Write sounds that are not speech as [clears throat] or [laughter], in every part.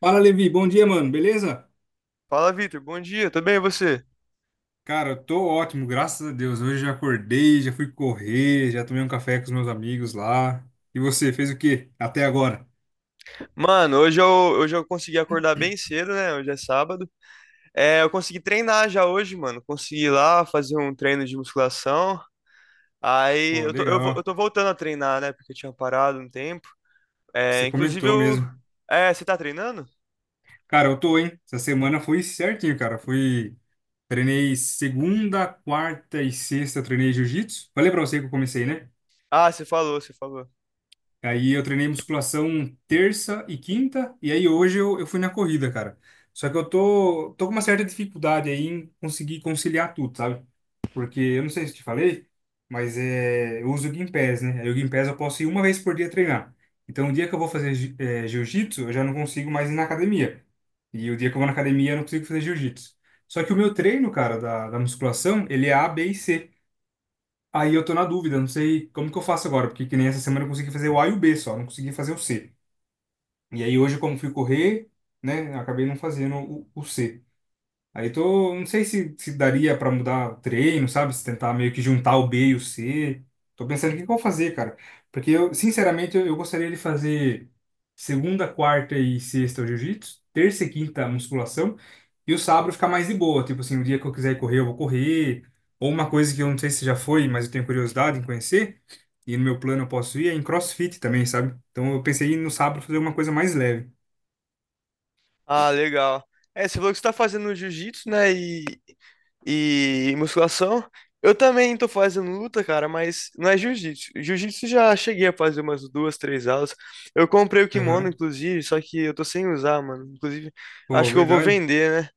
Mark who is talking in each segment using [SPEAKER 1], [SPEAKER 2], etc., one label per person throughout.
[SPEAKER 1] Fala, Levi. Bom dia, mano. Beleza?
[SPEAKER 2] Fala, Vitor. Bom dia, tudo bem e você?
[SPEAKER 1] Cara, eu tô ótimo, graças a Deus. Hoje já acordei, já fui correr, já tomei um café com os meus amigos lá. E você, fez o quê até agora?
[SPEAKER 2] Mano, hoje eu consegui acordar bem cedo, né? Hoje é sábado. É, eu consegui treinar já hoje, mano. Consegui ir lá fazer um treino de musculação. Aí
[SPEAKER 1] Pô,
[SPEAKER 2] eu
[SPEAKER 1] legal.
[SPEAKER 2] tô voltando a treinar, né? Porque eu tinha parado um tempo. É,
[SPEAKER 1] Você
[SPEAKER 2] inclusive
[SPEAKER 1] comentou
[SPEAKER 2] eu.
[SPEAKER 1] mesmo.
[SPEAKER 2] É, você tá treinando?
[SPEAKER 1] Cara, eu tô, hein? Essa semana foi certinho, cara. Fui, treinei segunda, quarta e sexta, treinei jiu-jitsu. Falei pra você que eu comecei, né?
[SPEAKER 2] Ah, você falou.
[SPEAKER 1] Aí eu treinei musculação terça e quinta, e aí hoje eu fui na corrida, cara. Só que eu tô com uma certa dificuldade aí em conseguir conciliar tudo, sabe? Porque eu não sei se te falei, mas é, eu uso o Gympass, né? Aí o Gympass eu posso ir uma vez por dia treinar. Então o dia que eu vou fazer jiu-jitsu, eu já não consigo mais ir na academia. E o dia que eu vou na academia, eu não consigo fazer jiu-jitsu. Só que o meu treino, cara, da musculação, ele é A, B e C. Aí eu tô na dúvida, não sei como que eu faço agora, porque que nem essa semana eu consegui fazer o A e o B só, não consegui fazer o C. E aí hoje, como fui correr, né, acabei não fazendo o C. Aí tô, não sei se daria pra mudar o treino, sabe? Se tentar meio que juntar o B e o C. Tô pensando o que que eu vou fazer, cara. Porque eu, sinceramente, eu gostaria de fazer segunda, quarta e sexta o jiu-jitsu, terça e quinta a musculação, e o sábado ficar mais de boa. Tipo assim, o dia que eu quiser correr, eu vou correr. Ou uma coisa que eu não sei se já foi, mas eu tenho curiosidade em conhecer, e no meu plano eu posso ir, é em CrossFit também, sabe? Então eu pensei em no sábado fazer uma coisa mais leve.
[SPEAKER 2] Ah, legal. É, você falou que você tá fazendo jiu-jitsu, né? E musculação. Eu também tô fazendo luta, cara, mas não é jiu-jitsu. Jiu-jitsu já cheguei a fazer umas duas, três aulas. Eu comprei o kimono,
[SPEAKER 1] Aham.
[SPEAKER 2] inclusive, só que eu tô sem usar, mano. Inclusive,
[SPEAKER 1] Pô,
[SPEAKER 2] acho que eu vou
[SPEAKER 1] verdade.
[SPEAKER 2] vender, né?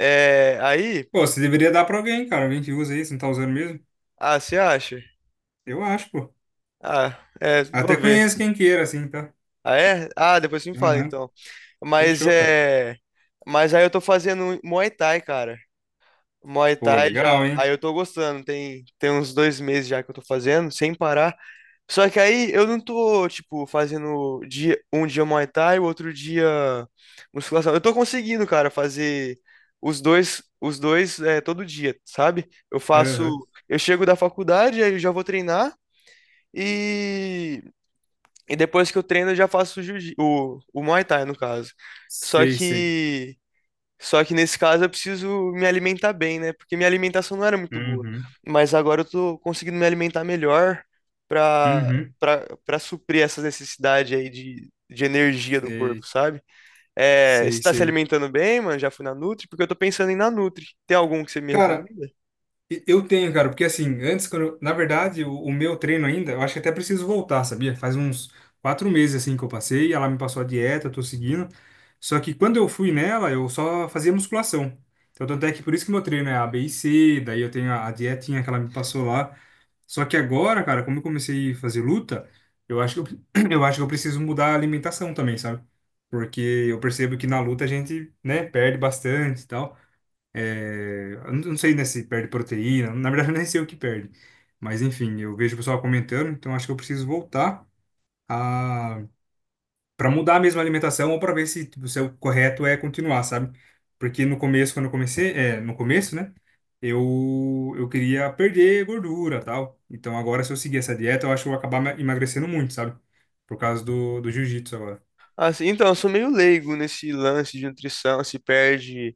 [SPEAKER 2] É, aí,
[SPEAKER 1] Pô, você deveria dar pra alguém, cara. Alguém que usa isso, não tá usando mesmo?
[SPEAKER 2] ah, você acha?
[SPEAKER 1] Eu acho, pô.
[SPEAKER 2] Ah, é, vou
[SPEAKER 1] Até
[SPEAKER 2] ver.
[SPEAKER 1] conheço quem queira, assim, tá?
[SPEAKER 2] Ah, é? Ah, depois você me fala,
[SPEAKER 1] Aham.
[SPEAKER 2] então. Mas
[SPEAKER 1] Fechou, cara.
[SPEAKER 2] é, mas aí eu tô fazendo Muay Thai, cara. Muay
[SPEAKER 1] Pô,
[SPEAKER 2] Thai
[SPEAKER 1] legal,
[SPEAKER 2] já, aí
[SPEAKER 1] hein?
[SPEAKER 2] eu tô gostando. Tem uns 2 meses já que eu tô fazendo, sem parar. Só que aí eu não tô, tipo, fazendo dia, um dia Muay Thai, o outro dia musculação. Eu tô conseguindo, cara, fazer os dois é, todo dia, sabe? Eu faço,
[SPEAKER 1] Aham.
[SPEAKER 2] eu chego da faculdade, aí eu já vou treinar e, e depois que eu treino eu já faço o Muay Thai, no caso. Só
[SPEAKER 1] Sei, sei.
[SPEAKER 2] que só que nesse caso eu preciso me alimentar bem, né? Porque minha alimentação não era muito boa.
[SPEAKER 1] Uhum.
[SPEAKER 2] Mas agora eu tô conseguindo me alimentar melhor pra,
[SPEAKER 1] Uhum.
[SPEAKER 2] pra suprir essa necessidade aí de energia do corpo,
[SPEAKER 1] Sei,
[SPEAKER 2] sabe? É, você
[SPEAKER 1] sei,
[SPEAKER 2] tá se
[SPEAKER 1] sei.
[SPEAKER 2] alimentando bem, mano? Já fui na Nutri? Porque eu tô pensando em ir na Nutri. Tem algum que você me
[SPEAKER 1] Cara,
[SPEAKER 2] recomenda?
[SPEAKER 1] Eu tenho, cara, porque assim, antes, na verdade, o meu treino ainda, eu acho que até preciso voltar, sabia? Faz uns 4 meses assim que eu passei, ela me passou a dieta, eu tô seguindo. Só que quando eu fui nela, eu só fazia musculação. Então, tanto é que por isso que meu treino é A, B e C, daí eu tenho a dietinha que ela me passou lá. Só que agora, cara, como eu comecei a fazer luta, eu acho que eu, [clears throat] eu acho que eu preciso mudar a alimentação também, sabe? Porque eu percebo que na luta a gente, né, perde bastante e tal. É, eu não sei, né, se perde proteína, na verdade [laughs] eu nem sei o que perde. Mas enfim, eu vejo o pessoal comentando, então acho que eu preciso voltar a para mudar mesmo a alimentação ou para ver se, tipo, se é o correto é continuar, sabe? Porque no começo, quando eu comecei, é, no começo, né, eu queria perder gordura, tal. Então agora se eu seguir essa dieta, eu acho que eu vou acabar emagrecendo muito, sabe? Por causa do jiu-jitsu agora.
[SPEAKER 2] Assim, então, eu sou meio leigo nesse lance de nutrição, se perde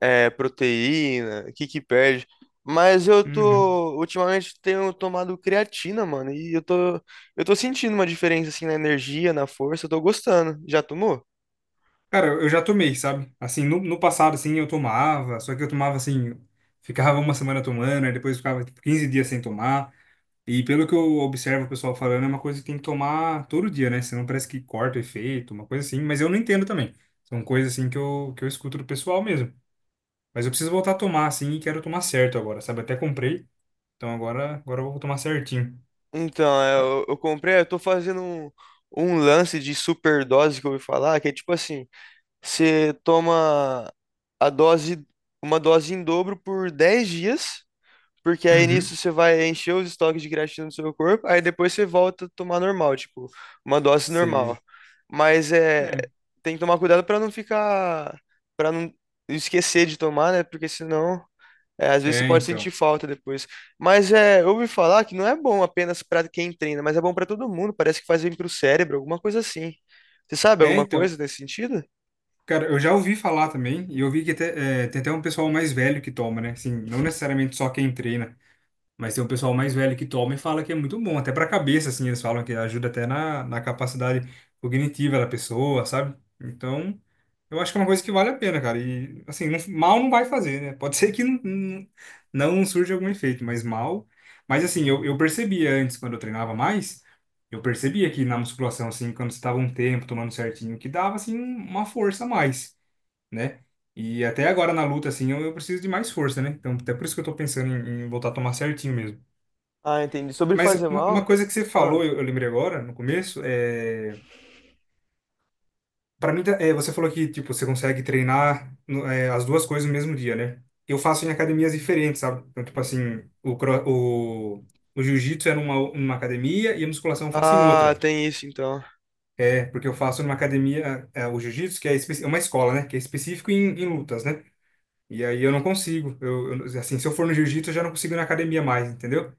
[SPEAKER 2] é, proteína, o que que perde. Mas eu
[SPEAKER 1] Uhum.
[SPEAKER 2] tô, ultimamente tenho tomado creatina, mano, eu tô sentindo uma diferença, assim, na energia, na força, eu tô gostando. Já tomou?
[SPEAKER 1] Cara, eu já tomei, sabe? Assim, no passado, assim, eu tomava, só que eu tomava, assim, ficava uma semana tomando, aí depois ficava, tipo, 15 dias sem tomar. E pelo que eu observo o pessoal falando, é uma coisa que tem que tomar todo dia, né? Senão parece que corta o efeito, uma coisa assim. Mas eu não entendo também. São coisas, assim, que que eu escuto do pessoal mesmo. Mas eu preciso voltar a tomar, assim, e quero tomar certo agora, sabe? Até comprei, então agora, agora eu vou tomar certinho.
[SPEAKER 2] Então, é,
[SPEAKER 1] Mas.
[SPEAKER 2] eu comprei, eu tô fazendo um, um lance de superdose que eu ouvi falar, que é tipo assim, você toma a dose, uma dose em dobro por 10 dias. Porque aí
[SPEAKER 1] Uhum.
[SPEAKER 2] nisso você vai encher os estoques de creatina no seu corpo, aí depois você volta a tomar normal, tipo, uma dose normal.
[SPEAKER 1] Se.
[SPEAKER 2] Mas é,
[SPEAKER 1] É.
[SPEAKER 2] tem que tomar cuidado para não ficar, para não esquecer de tomar, né? Porque senão, é, às vezes você
[SPEAKER 1] É,
[SPEAKER 2] pode sentir
[SPEAKER 1] então.
[SPEAKER 2] falta depois. Mas é, eu ouvi falar que não é bom apenas para quem treina, mas é bom para todo mundo, parece que faz bem pro cérebro, alguma coisa assim. Você sabe
[SPEAKER 1] É,
[SPEAKER 2] alguma
[SPEAKER 1] então.
[SPEAKER 2] coisa nesse sentido?
[SPEAKER 1] Cara, eu já ouvi falar também, e eu vi que até, é, tem até um pessoal mais velho que toma, né? Assim, não necessariamente só quem treina, mas tem um pessoal mais velho que toma e fala que é muito bom, até pra cabeça, assim, eles falam que ajuda até na capacidade cognitiva da pessoa, sabe? Então, eu acho que é uma coisa que vale a pena, cara. E, assim, mal não vai fazer, né? Pode [laughs] ser que não, não, não surja algum efeito, mas mal. Mas, assim, eu percebia antes, quando eu treinava mais. Eu percebia que na musculação, assim, quando você estava um tempo tomando certinho, que dava, assim, uma força a mais né? E até agora na luta, assim, eu preciso de mais força, né? Então, até por isso que eu tô pensando em voltar a tomar certinho mesmo.
[SPEAKER 2] Ah, entendi. Sobre
[SPEAKER 1] Mas
[SPEAKER 2] fazer
[SPEAKER 1] uma
[SPEAKER 2] mal?
[SPEAKER 1] coisa que você
[SPEAKER 2] Ah,
[SPEAKER 1] falou, eu lembrei agora, no começo, é. Pra mim, é, você falou que, tipo, você consegue treinar é, as duas coisas no mesmo dia, né? Eu faço em academias diferentes, sabe? Então, tipo assim, o jiu-jitsu é numa academia e a musculação eu faço em
[SPEAKER 2] ah,
[SPEAKER 1] outra.
[SPEAKER 2] tem isso então.
[SPEAKER 1] É, porque eu faço numa academia, é, o jiu-jitsu, que é é uma escola, né? Que é específico em lutas, né? E aí eu não consigo. Assim, se eu for no jiu-jitsu, eu já não consigo ir na academia mais, entendeu?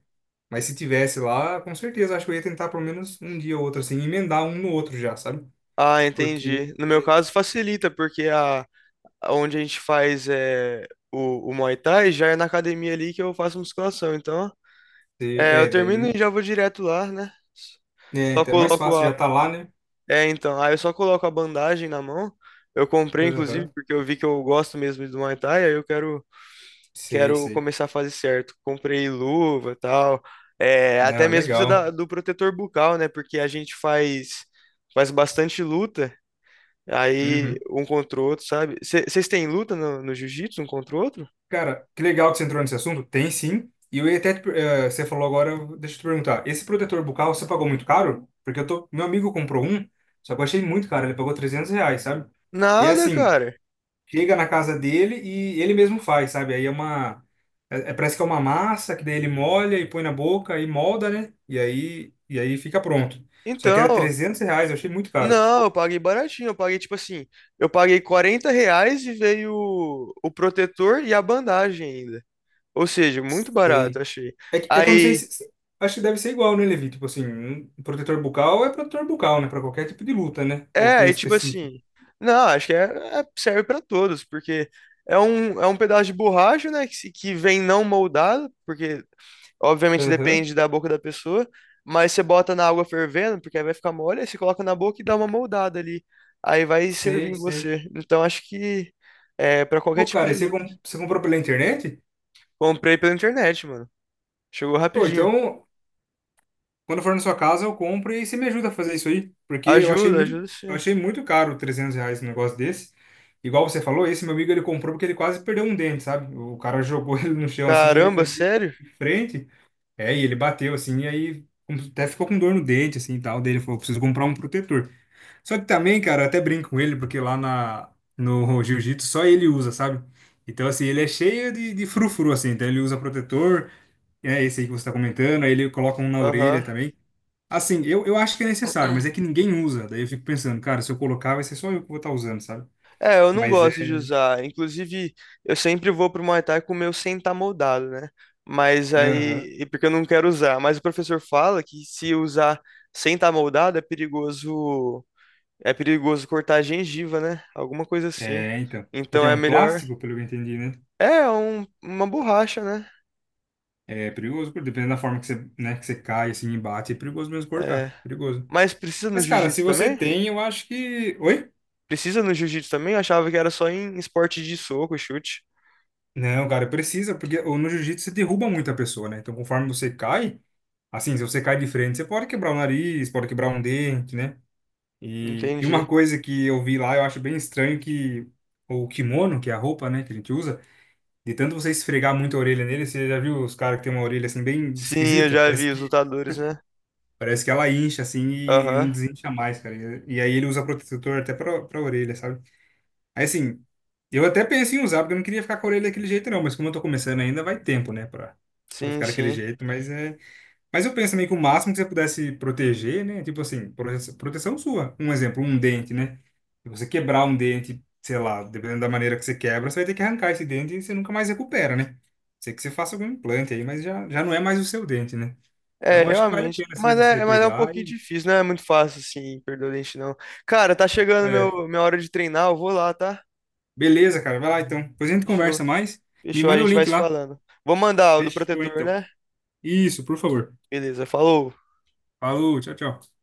[SPEAKER 1] Mas se tivesse lá, com certeza, acho que eu ia tentar pelo menos um dia ou outro, assim, emendar um no outro já, sabe?
[SPEAKER 2] Ah,
[SPEAKER 1] Porque,
[SPEAKER 2] entendi. No meu caso, facilita, porque a, onde a gente faz é, o Muay Thai já é na academia ali que eu faço musculação. Então, é, eu
[SPEAKER 1] é,
[SPEAKER 2] termino e
[SPEAKER 1] daí,
[SPEAKER 2] já vou direto lá, né?
[SPEAKER 1] é,
[SPEAKER 2] Só
[SPEAKER 1] então é mais
[SPEAKER 2] coloco
[SPEAKER 1] fácil,
[SPEAKER 2] a.
[SPEAKER 1] já tá lá, né?
[SPEAKER 2] É, então. Aí eu só coloco a bandagem na mão. Eu comprei, inclusive,
[SPEAKER 1] Aham,
[SPEAKER 2] porque eu vi que eu gosto mesmo do Muay Thai, aí
[SPEAKER 1] sei,
[SPEAKER 2] quero
[SPEAKER 1] sei.
[SPEAKER 2] começar a fazer certo. Comprei luva e tal. É,
[SPEAKER 1] Não,
[SPEAKER 2] até mesmo precisa
[SPEAKER 1] legal.
[SPEAKER 2] do protetor bucal, né? Porque a gente faz, faz bastante luta. Aí,
[SPEAKER 1] Uhum.
[SPEAKER 2] um contra o outro, sabe? Vocês têm luta no jiu-jitsu, um contra o outro?
[SPEAKER 1] Cara, que legal que você entrou nesse assunto. Tem sim. E eu ia até, você falou agora, deixa eu te perguntar. Esse protetor bucal, você pagou muito caro? Porque eu tô, meu amigo comprou um, só que eu achei muito caro, ele pagou 300 reais, sabe? E é
[SPEAKER 2] Nada,
[SPEAKER 1] assim,
[SPEAKER 2] cara.
[SPEAKER 1] chega na casa dele e ele mesmo faz, sabe? Aí é uma. É, parece que é uma massa que daí ele molha e põe na boca e molda, né? E aí fica pronto. Só que era
[SPEAKER 2] Então,
[SPEAKER 1] 300 reais, eu achei muito caro.
[SPEAKER 2] não, eu paguei baratinho. Eu paguei, tipo assim, eu paguei R$ 40 e veio o protetor e a bandagem ainda. Ou seja, muito barato,
[SPEAKER 1] Sei.
[SPEAKER 2] achei.
[SPEAKER 1] É, é que eu não sei
[SPEAKER 2] Aí,
[SPEAKER 1] se. Se. Acho que deve ser igual, né, Levi? Tipo assim, um protetor bucal é protetor bucal, né? Pra qualquer tipo de luta, né? Ou
[SPEAKER 2] é,
[SPEAKER 1] tem
[SPEAKER 2] aí, tipo
[SPEAKER 1] específico.
[SPEAKER 2] assim, não, acho que é, é- serve pra todos, porque é um pedaço de borracha, né, que, se- que vem não moldado, porque obviamente
[SPEAKER 1] Aham.
[SPEAKER 2] depende da boca da pessoa, mas você bota na água fervendo, porque aí vai ficar mole, aí você coloca na boca e dá uma moldada ali. Aí vai servir
[SPEAKER 1] Sei,
[SPEAKER 2] em
[SPEAKER 1] sei.
[SPEAKER 2] você. Então acho que é para qualquer
[SPEAKER 1] Ô,
[SPEAKER 2] tipo
[SPEAKER 1] cara, e
[SPEAKER 2] de
[SPEAKER 1] você,
[SPEAKER 2] luta.
[SPEAKER 1] você comprou pela internet?
[SPEAKER 2] Comprei pela internet, mano. Chegou
[SPEAKER 1] Pô,
[SPEAKER 2] rapidinho.
[SPEAKER 1] então quando for na sua casa, eu compro e você me ajuda a fazer isso aí, porque
[SPEAKER 2] Ajuda, ajuda
[SPEAKER 1] eu
[SPEAKER 2] você.
[SPEAKER 1] achei muito caro 300 reais um negócio desse. Igual você falou, esse meu amigo ele comprou porque ele quase perdeu um dente, sabe? O cara jogou [laughs] ele no chão assim, e ele
[SPEAKER 2] Caramba,
[SPEAKER 1] caiu de
[SPEAKER 2] sério?
[SPEAKER 1] frente, é, e ele bateu assim, e aí até ficou com dor no dente assim e tal. Daí ele falou, preciso comprar um protetor. Só que também, cara, eu até brinco com ele porque lá na no [laughs] jiu-jitsu só ele usa, sabe? Então assim, ele é cheio de frufru assim, então ele usa protetor, é esse aí que você tá comentando, aí ele coloca um na
[SPEAKER 2] Aham.
[SPEAKER 1] orelha também. Assim, eu acho que é necessário, mas é que ninguém usa. Daí eu fico pensando, cara, se eu colocar, vai ser só eu que vou estar usando, sabe?
[SPEAKER 2] É, eu não
[SPEAKER 1] Mas é.
[SPEAKER 2] gosto de usar. Inclusive, eu sempre vou pro Muay Thai com o meu sem estar moldado, né? Mas
[SPEAKER 1] Aham.
[SPEAKER 2] aí, e porque eu não quero usar. Mas o professor fala que se usar sem estar moldado é perigoso. É perigoso cortar a gengiva, né? Alguma coisa assim.
[SPEAKER 1] É, então. Porque
[SPEAKER 2] Então
[SPEAKER 1] é
[SPEAKER 2] é
[SPEAKER 1] um
[SPEAKER 2] melhor.
[SPEAKER 1] plástico, pelo que eu entendi, né?
[SPEAKER 2] É um- uma borracha, né?
[SPEAKER 1] É perigoso, porque dependendo da forma que você, né, que você cai, assim, e bate, é perigoso mesmo
[SPEAKER 2] É.
[SPEAKER 1] cortar. Perigoso.
[SPEAKER 2] Mas precisa no
[SPEAKER 1] Mas, cara, se
[SPEAKER 2] jiu-jitsu
[SPEAKER 1] você
[SPEAKER 2] também?
[SPEAKER 1] tem, eu acho que. Oi?
[SPEAKER 2] Precisa no jiu-jitsu também? Eu achava que era só em esporte de soco, chute.
[SPEAKER 1] Não, cara, precisa, porque no jiu-jitsu você derruba muito a pessoa, né? Então, conforme você cai, assim, se você cai de frente, você pode quebrar o nariz, pode quebrar um dente, né? E uma
[SPEAKER 2] Entendi.
[SPEAKER 1] coisa que eu vi lá, eu acho bem estranho que o kimono, que é a roupa, né, que a gente usa, de tanto você esfregar muito a orelha nele, você já viu os caras que tem uma orelha assim bem
[SPEAKER 2] Sim, eu
[SPEAKER 1] esquisita?
[SPEAKER 2] já vi os lutadores, né?
[SPEAKER 1] Parece que ela incha assim e não
[SPEAKER 2] Aham.
[SPEAKER 1] desincha mais, cara. E aí ele usa protetor até pra orelha, sabe? Aí assim, eu até pensei em usar, porque eu não queria ficar com a orelha daquele jeito não, mas como eu tô começando ainda, vai tempo, né, pra, pra
[SPEAKER 2] Sim,
[SPEAKER 1] ficar daquele
[SPEAKER 2] sim.
[SPEAKER 1] jeito, mas é mas eu penso também que o máximo que você pudesse proteger, né? Tipo assim, proteção sua. Um exemplo, um dente, né? Se você quebrar um dente, sei lá, dependendo da maneira que você quebra, você vai ter que arrancar esse dente e você nunca mais recupera, né? A sei que você faça algum implante aí, mas já, já não é mais o seu dente, né?
[SPEAKER 2] É,
[SPEAKER 1] Então acho que vale a
[SPEAKER 2] realmente.
[SPEAKER 1] pena, assim, você
[SPEAKER 2] Mas é um
[SPEAKER 1] cuidar.
[SPEAKER 2] pouquinho
[SPEAKER 1] E,
[SPEAKER 2] difícil, não é muito fácil assim, perder o dente, não. Cara, tá chegando
[SPEAKER 1] é,
[SPEAKER 2] minha hora de treinar, eu vou lá, tá?
[SPEAKER 1] beleza, cara. Vai lá então. Depois a gente
[SPEAKER 2] Fechou.
[SPEAKER 1] conversa mais. Me
[SPEAKER 2] Fechou, a
[SPEAKER 1] manda o
[SPEAKER 2] gente vai
[SPEAKER 1] link
[SPEAKER 2] se
[SPEAKER 1] lá.
[SPEAKER 2] falando. Vou mandar o do
[SPEAKER 1] Fechou
[SPEAKER 2] protetor,
[SPEAKER 1] então.
[SPEAKER 2] né?
[SPEAKER 1] Isso, por favor.
[SPEAKER 2] Beleza, falou.
[SPEAKER 1] Falou, tchau, tchau.